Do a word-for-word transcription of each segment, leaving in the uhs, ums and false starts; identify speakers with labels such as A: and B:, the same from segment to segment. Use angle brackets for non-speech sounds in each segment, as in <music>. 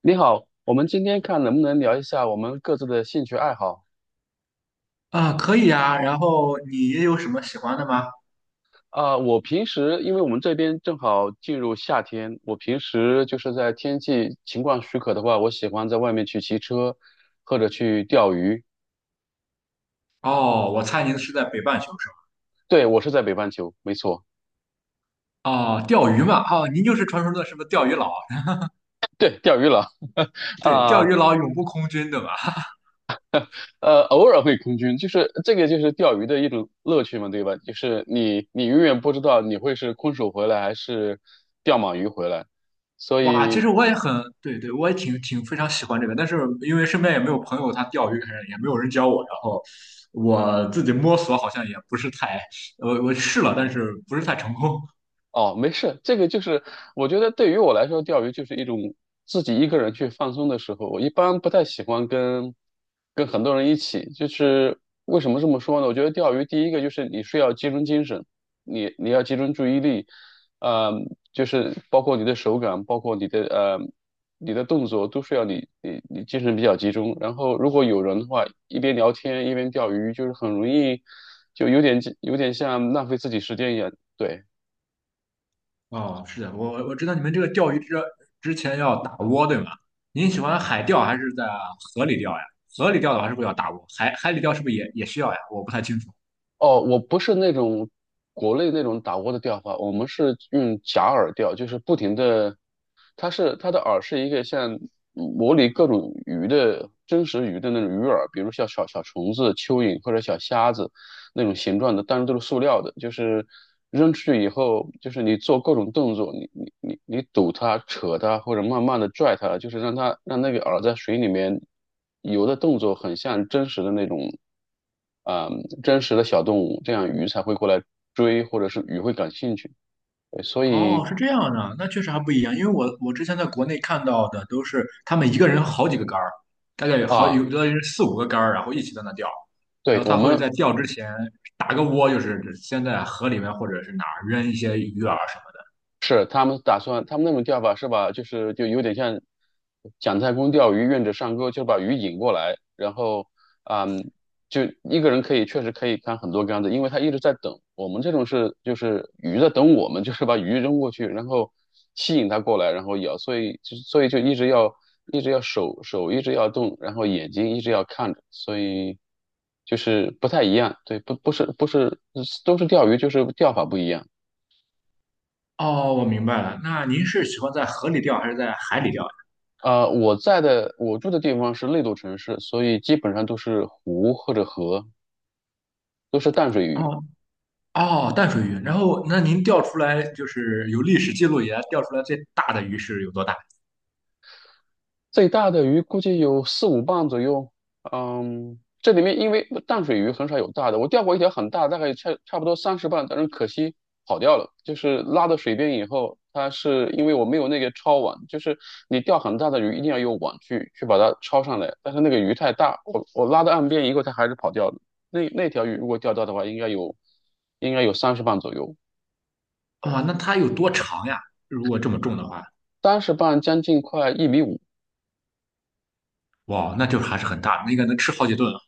A: 你好，我们今天看能不能聊一下我们各自的兴趣爱好。
B: 啊，可以啊。然后你也有什么喜欢的吗？
A: 啊、我平时因为我们这边正好进入夏天，我平时就是在天气情况许可的话，我喜欢在外面去骑车或者去钓鱼。
B: 哦，我猜您是在北半球是吧？
A: 对，我是在北半球，没错。
B: 哦，钓鱼嘛，哦，您就是传说中的什么钓鱼佬？
A: 对，钓鱼了。
B: 对，钓
A: 啊、
B: 鱼佬永不空军，对吧？
A: 呃，偶尔会空军，就是这个就是钓鱼的一种乐趣嘛，对吧？就是你你永远不知道你会是空手回来还是钓满鱼回来。所
B: 哇，其实
A: 以
B: 我也很，对对，我也挺挺非常喜欢这个，但是因为身边也没有朋友他钓鱼，也没有人教我，然后我自己摸索好像也不是太，我我试了，但是不是太成功。
A: 哦，没事。这个就是我觉得对于我来说，钓鱼就是一种自己一个人去放松的时候。我一般不太喜欢跟跟很多人一起，就是为什么这么说呢？我觉得钓鱼第一个就是你是要集中精神，你你要集中注意力。呃，就是包括你的手感，包括你的呃你的动作都是要你你你精神比较集中。然后如果有人的话，一边聊天一边钓鱼，就是很容易就有点有点像浪费自己时间一样，对。
B: 哦，是的，我我知道你们这个钓鱼之之前要打窝，对吗？您喜欢海钓还是在河里钓呀？河里钓的话是不是要打窝？海海里钓是不是也也需要呀？我不太清楚。
A: 哦，我不是那种国内那种打窝的钓法，我们是用假饵钓，就是不停的。它是它的饵是一个像模拟各种鱼的真实鱼的那种鱼饵，比如像小小虫子、蚯蚓或者小虾子，那种形状的，但是都是塑料的。就是扔出去以后，就是你做各种动作，你你你你堵它、扯它，或者慢慢的拽它，就是让它让那个饵在水里面游的动作，很像真实的那种。啊、真实的小动物，这样鱼才会过来追，或者是鱼会感兴趣。对。所
B: 哦，
A: 以
B: 是这样的，那确实还不一样，因为我我之前在国内看到的都是他们一个人好几个杆儿，大概有好
A: 啊，
B: 有的人四五个杆儿，然后一起在那钓，
A: 对，
B: 然后
A: 我
B: 他会
A: 们
B: 在钓之前打个窝，就是先在河里面或者是哪儿扔一些鱼饵什么的。
A: 是他们打算，他们那种钓法是把就是就有点像蒋太公钓鱼，愿者上钩，就把鱼引过来。然后嗯，就一个人可以确实可以看很多竿子，因为他一直在等。我们这种是就是鱼在等我们，<laughs> 就是把鱼扔过去，然后吸引它过来，然后咬，所以就所以就一直要一直要手手一直要动，然后眼睛一直要看着，所以就是不太一样。对，不不是不是都是钓鱼，就是钓法不一样。
B: 哦，我明白了，那您是喜欢在河里钓还是在海里钓呀？
A: 呃，我在的我住的地方是内陆城市，所以基本上都是湖或者河，都是淡水鱼。
B: 哦。哦，淡水鱼。然后，那您钓出来就是有历史记录以来钓出来最大的鱼是有多大？
A: 最大的鱼估计有四五磅左右。嗯，这里面因为淡水鱼很少有大的，我钓过一条很大，大概差差不多三十磅，但是可惜跑掉了。就是拉到水边以后，它是因为我没有那个抄网，就是你钓很大的鱼一定要有网去去把它抄上来，但是那个鱼太大，我我拉到岸边以后，它还是跑掉了。那那条鱼如果钓到的话，应该有应该有三十磅左右，
B: 哇，那它有多长呀？如果这么重的话，
A: 三十磅将近快一米五。
B: 哇，那就还是很大，那个能吃好几顿啊。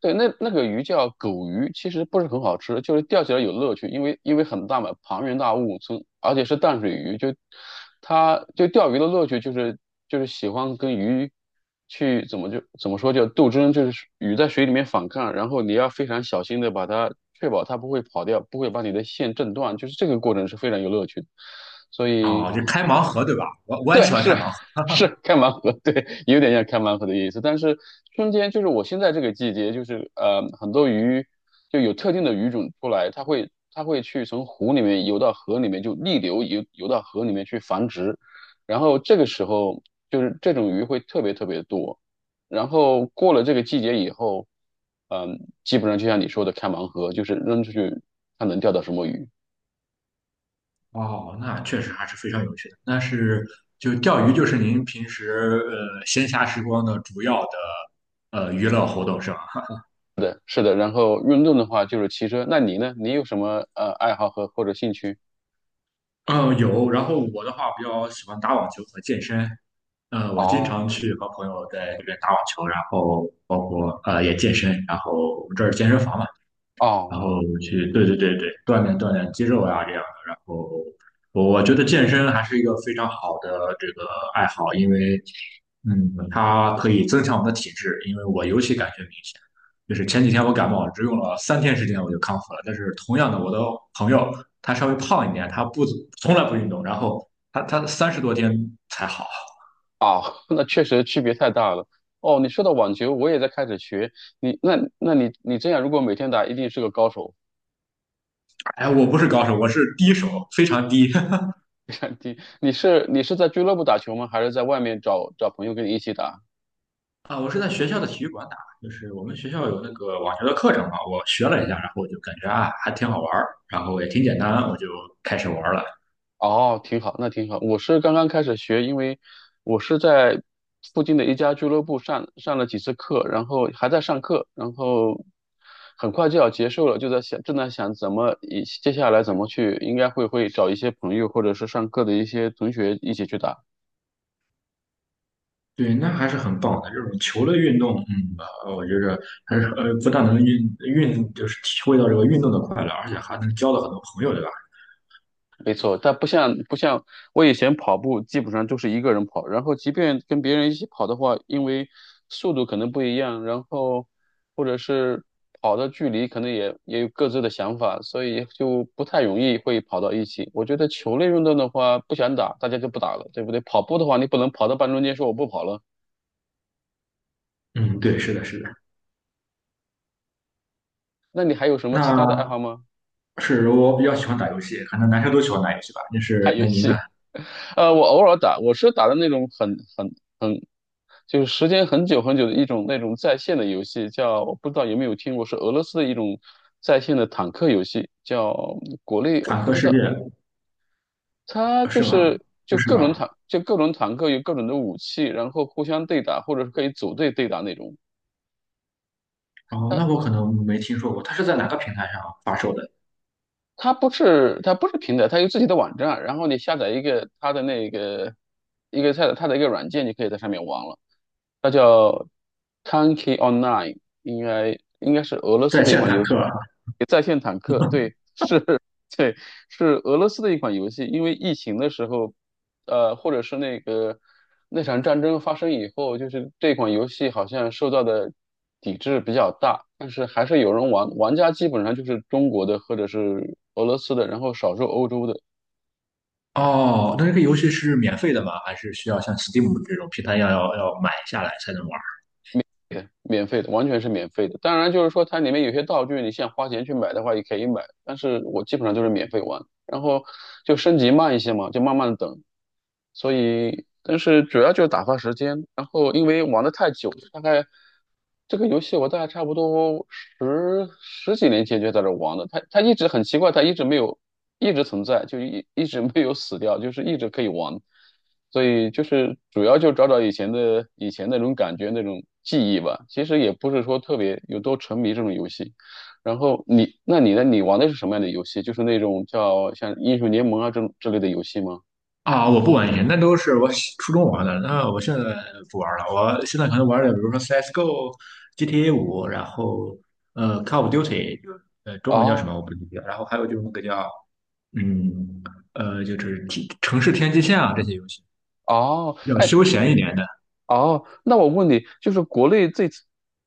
A: 对，那那个鱼叫狗鱼，其实不是很好吃，就是钓起来有乐趣，因为因为很大嘛，庞然大物，从而且是淡水鱼，就它就钓鱼的乐趣就是就是喜欢跟鱼去怎么就怎么说叫斗争，就是鱼在水里面反抗，然后你要非常小心的把它确保它不会跑掉，不会把你的线震断，就是这个过程是非常有乐趣的。所以
B: 哦，就开盲盒对吧？我我也
A: 对，
B: 喜欢开
A: 是
B: 盲盒。
A: 是开盲盒，对，有点像开盲盒的意思。但是春天就是我现在这个季节，就是呃，很多鱼就有特定的鱼种出来，它会它会去从湖里面游到河里面，就逆流游游到河里面去繁殖。然后这个时候就是这种鱼会特别特别多。然后过了这个季节以后，嗯、基本上就像你说的开盲盒，就是扔出去看能钓到什么鱼。
B: 哦，那确实还是非常有趣的。那是就钓鱼，就是您平时呃闲暇时光的主要的呃娱乐活动是吧？
A: 的，是的。然后运动的话就是骑车。那你呢？你有什么呃爱好和或者兴趣？
B: 嗯，有。然后我的话比较喜欢打网球和健身，呃，我经
A: 哦，
B: 常去和朋友在这边打网球，然后包括呃也健身，然后我们这儿健身房嘛，然
A: 哦，
B: 后去，对对对对，锻炼锻炼肌肉啊这样的。然后我觉得健身还是一个非常好的这个爱好，因为嗯，它可以增强我们的体质，因为我尤其感觉明显，就是前几天我感冒，只用了三天时间我就康复了。但是同样的，我的朋友他稍微胖一点，他不从来不运动，然后他他三十多天才好。
A: 哦，<laughs> 那确实区别太大了。哦，你说到网球，我也在开始学。你那那你你这样，如果每天打，一定是个高手。
B: 哎，我不是高手，我是低手，非常低。<laughs>
A: <laughs> 你你是你是在俱乐部打球吗？还是在外面找找朋友跟你一起打？
B: 啊，我是在学校的体育馆打，就是我们学校有那个网球的课程嘛，我学了一下，然后我就感觉啊，还挺好玩儿，然后也挺简单，我就开始玩儿了。
A: 哦，挺好，那挺好。我是刚刚开始学，因为我是在附近的一家俱乐部上上了几次课，然后还在上课，然后很快就要结束了，就在想，正在想怎么以接下来怎么去，应该会会找一些朋友或者是上课的一些同学一起去打。
B: 对，那还是很棒的，这种球类运动，嗯，呃我觉着还是呃，不但能运运，就是体会到这个运动的快乐，而且还能交到很多朋友，对吧？
A: 没错，但不像不像我以前跑步，基本上就是一个人跑，然后即便跟别人一起跑的话，因为速度可能不一样，然后或者是跑的距离可能也也有各自的想法，所以就不太容易会跑到一起。我觉得球类运动的话，不想打，大家就不打了，对不对？跑步的话，你不能跑到半中间说我不跑了。
B: 嗯，对，是的，是的。
A: 那你还有什么其他的爱好
B: 那
A: 吗？
B: 是我比较喜欢打游戏，可能男生都喜欢打游戏吧。那
A: <laughs> 打
B: 是
A: 游
B: 那您呢？
A: 戏。<laughs> 呃，我偶尔打，我是打的那种很很很。就是时间很久很久的一种那种在线的游戏，叫我不知道有没有听过，是俄罗斯的一种在线的坦克游戏，叫国内我
B: 坦
A: 不
B: 克
A: 知
B: 世界
A: 道。它就
B: 是吗？
A: 是
B: 不
A: 就
B: 是
A: 各种坦
B: 吧？
A: 就各种坦克有各种的武器，然后互相对打，或者是可以组队对打那种。
B: 哦，那
A: 它
B: 我可能没听说过，它是在哪个平台上发售的？
A: 它不是它不是平台，它有自己的网站，然后你下载一个它的那个一个它的它的一个软件，你可以在上面玩了。它叫 t a n k y Online,应该应该是俄罗斯
B: 在
A: 的一
B: 线
A: 款
B: 谈
A: 游戏。
B: 课啊。
A: 在线坦克，对，是。<laughs> 对，是俄罗斯的一款游戏。因为疫情的时候，呃，或者是那个那场战争发生以后，就是这款游戏好像受到的抵制比较大，但是还是有人玩，玩家基本上就是中国的或者是俄罗斯的，然后少数欧洲的。
B: 哦，那这个游戏是免费的吗？还是需要像 Steam 这种平台一样要要买下来才能玩？
A: 免费的，完全是免费的。当然，就是说它里面有些道具，你想花钱去买的话也可以买，但是我基本上都是免费玩。然后就升级慢一些嘛，就慢慢的等。所以，但是主要就是打发时间。然后因为玩的太久，大概这个游戏我大概差不多十十几年前就在这玩的。它它一直很奇怪，它一直没有一直存在，就一一直没有死掉，就是一直可以玩。所以就是主要就找找以前的以前那种感觉那种记忆吧。其实也不是说特别有多沉迷这种游戏。然后你，那你呢？你玩的是什么样的游戏？就是那种叫像英雄联盟啊这这类的游戏吗？
B: 啊，我不玩以前那都是我初中玩的，那我现在不玩了。我现在可能玩的，比如说 C S:G O、G T A 五，然后呃 Call of Duty，呃中文叫什
A: 哦，
B: 么我不记得，然后还有就是那个叫嗯呃就是天城市天际线啊这些游戏，
A: 哦。
B: 比较
A: 哎，
B: 休闲一点的。
A: 哦，那我问你，就是国内最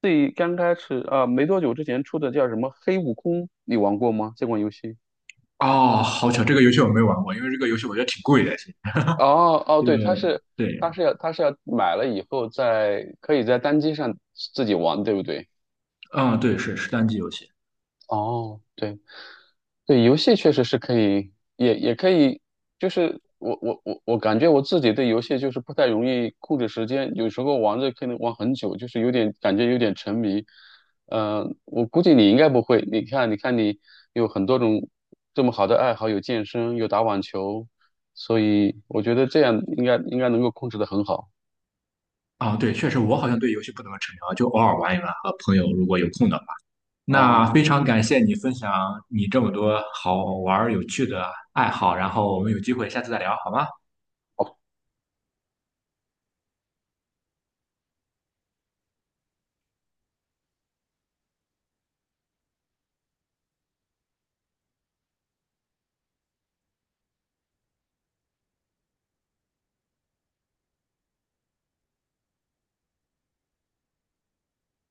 A: 最刚开始啊，没多久之前出的叫什么《黑悟空》，你玩过吗？这款游戏？
B: 哦，好巧，这个游戏我没玩过，因为这个游戏我觉得挺贵的，
A: 哦，哦，
B: 就
A: 对。它是
B: 对。
A: 它是要它是要买了以后在可以在单机上自己玩，对不对？
B: 嗯，对，是是单机游戏。
A: 哦，对。对，游戏确实是可以，也也可以。就是我我我我感觉我自己对游戏就是不太容易控制时间，有时候玩着可能玩很久，就是有点感觉有点沉迷。呃，我估计你应该不会，你看你看你有很多种这么好的爱好，有健身，有打网球，所以我觉得这样应该应该能够控制得很好。
B: 啊，对，确实我好像对游戏不怎么沉迷啊就偶尔玩一玩，和朋友如果有空的话。那
A: 哦。
B: 非常感谢你分享你这么多好玩儿有趣的爱好，然后我们有机会下次再聊，好吗？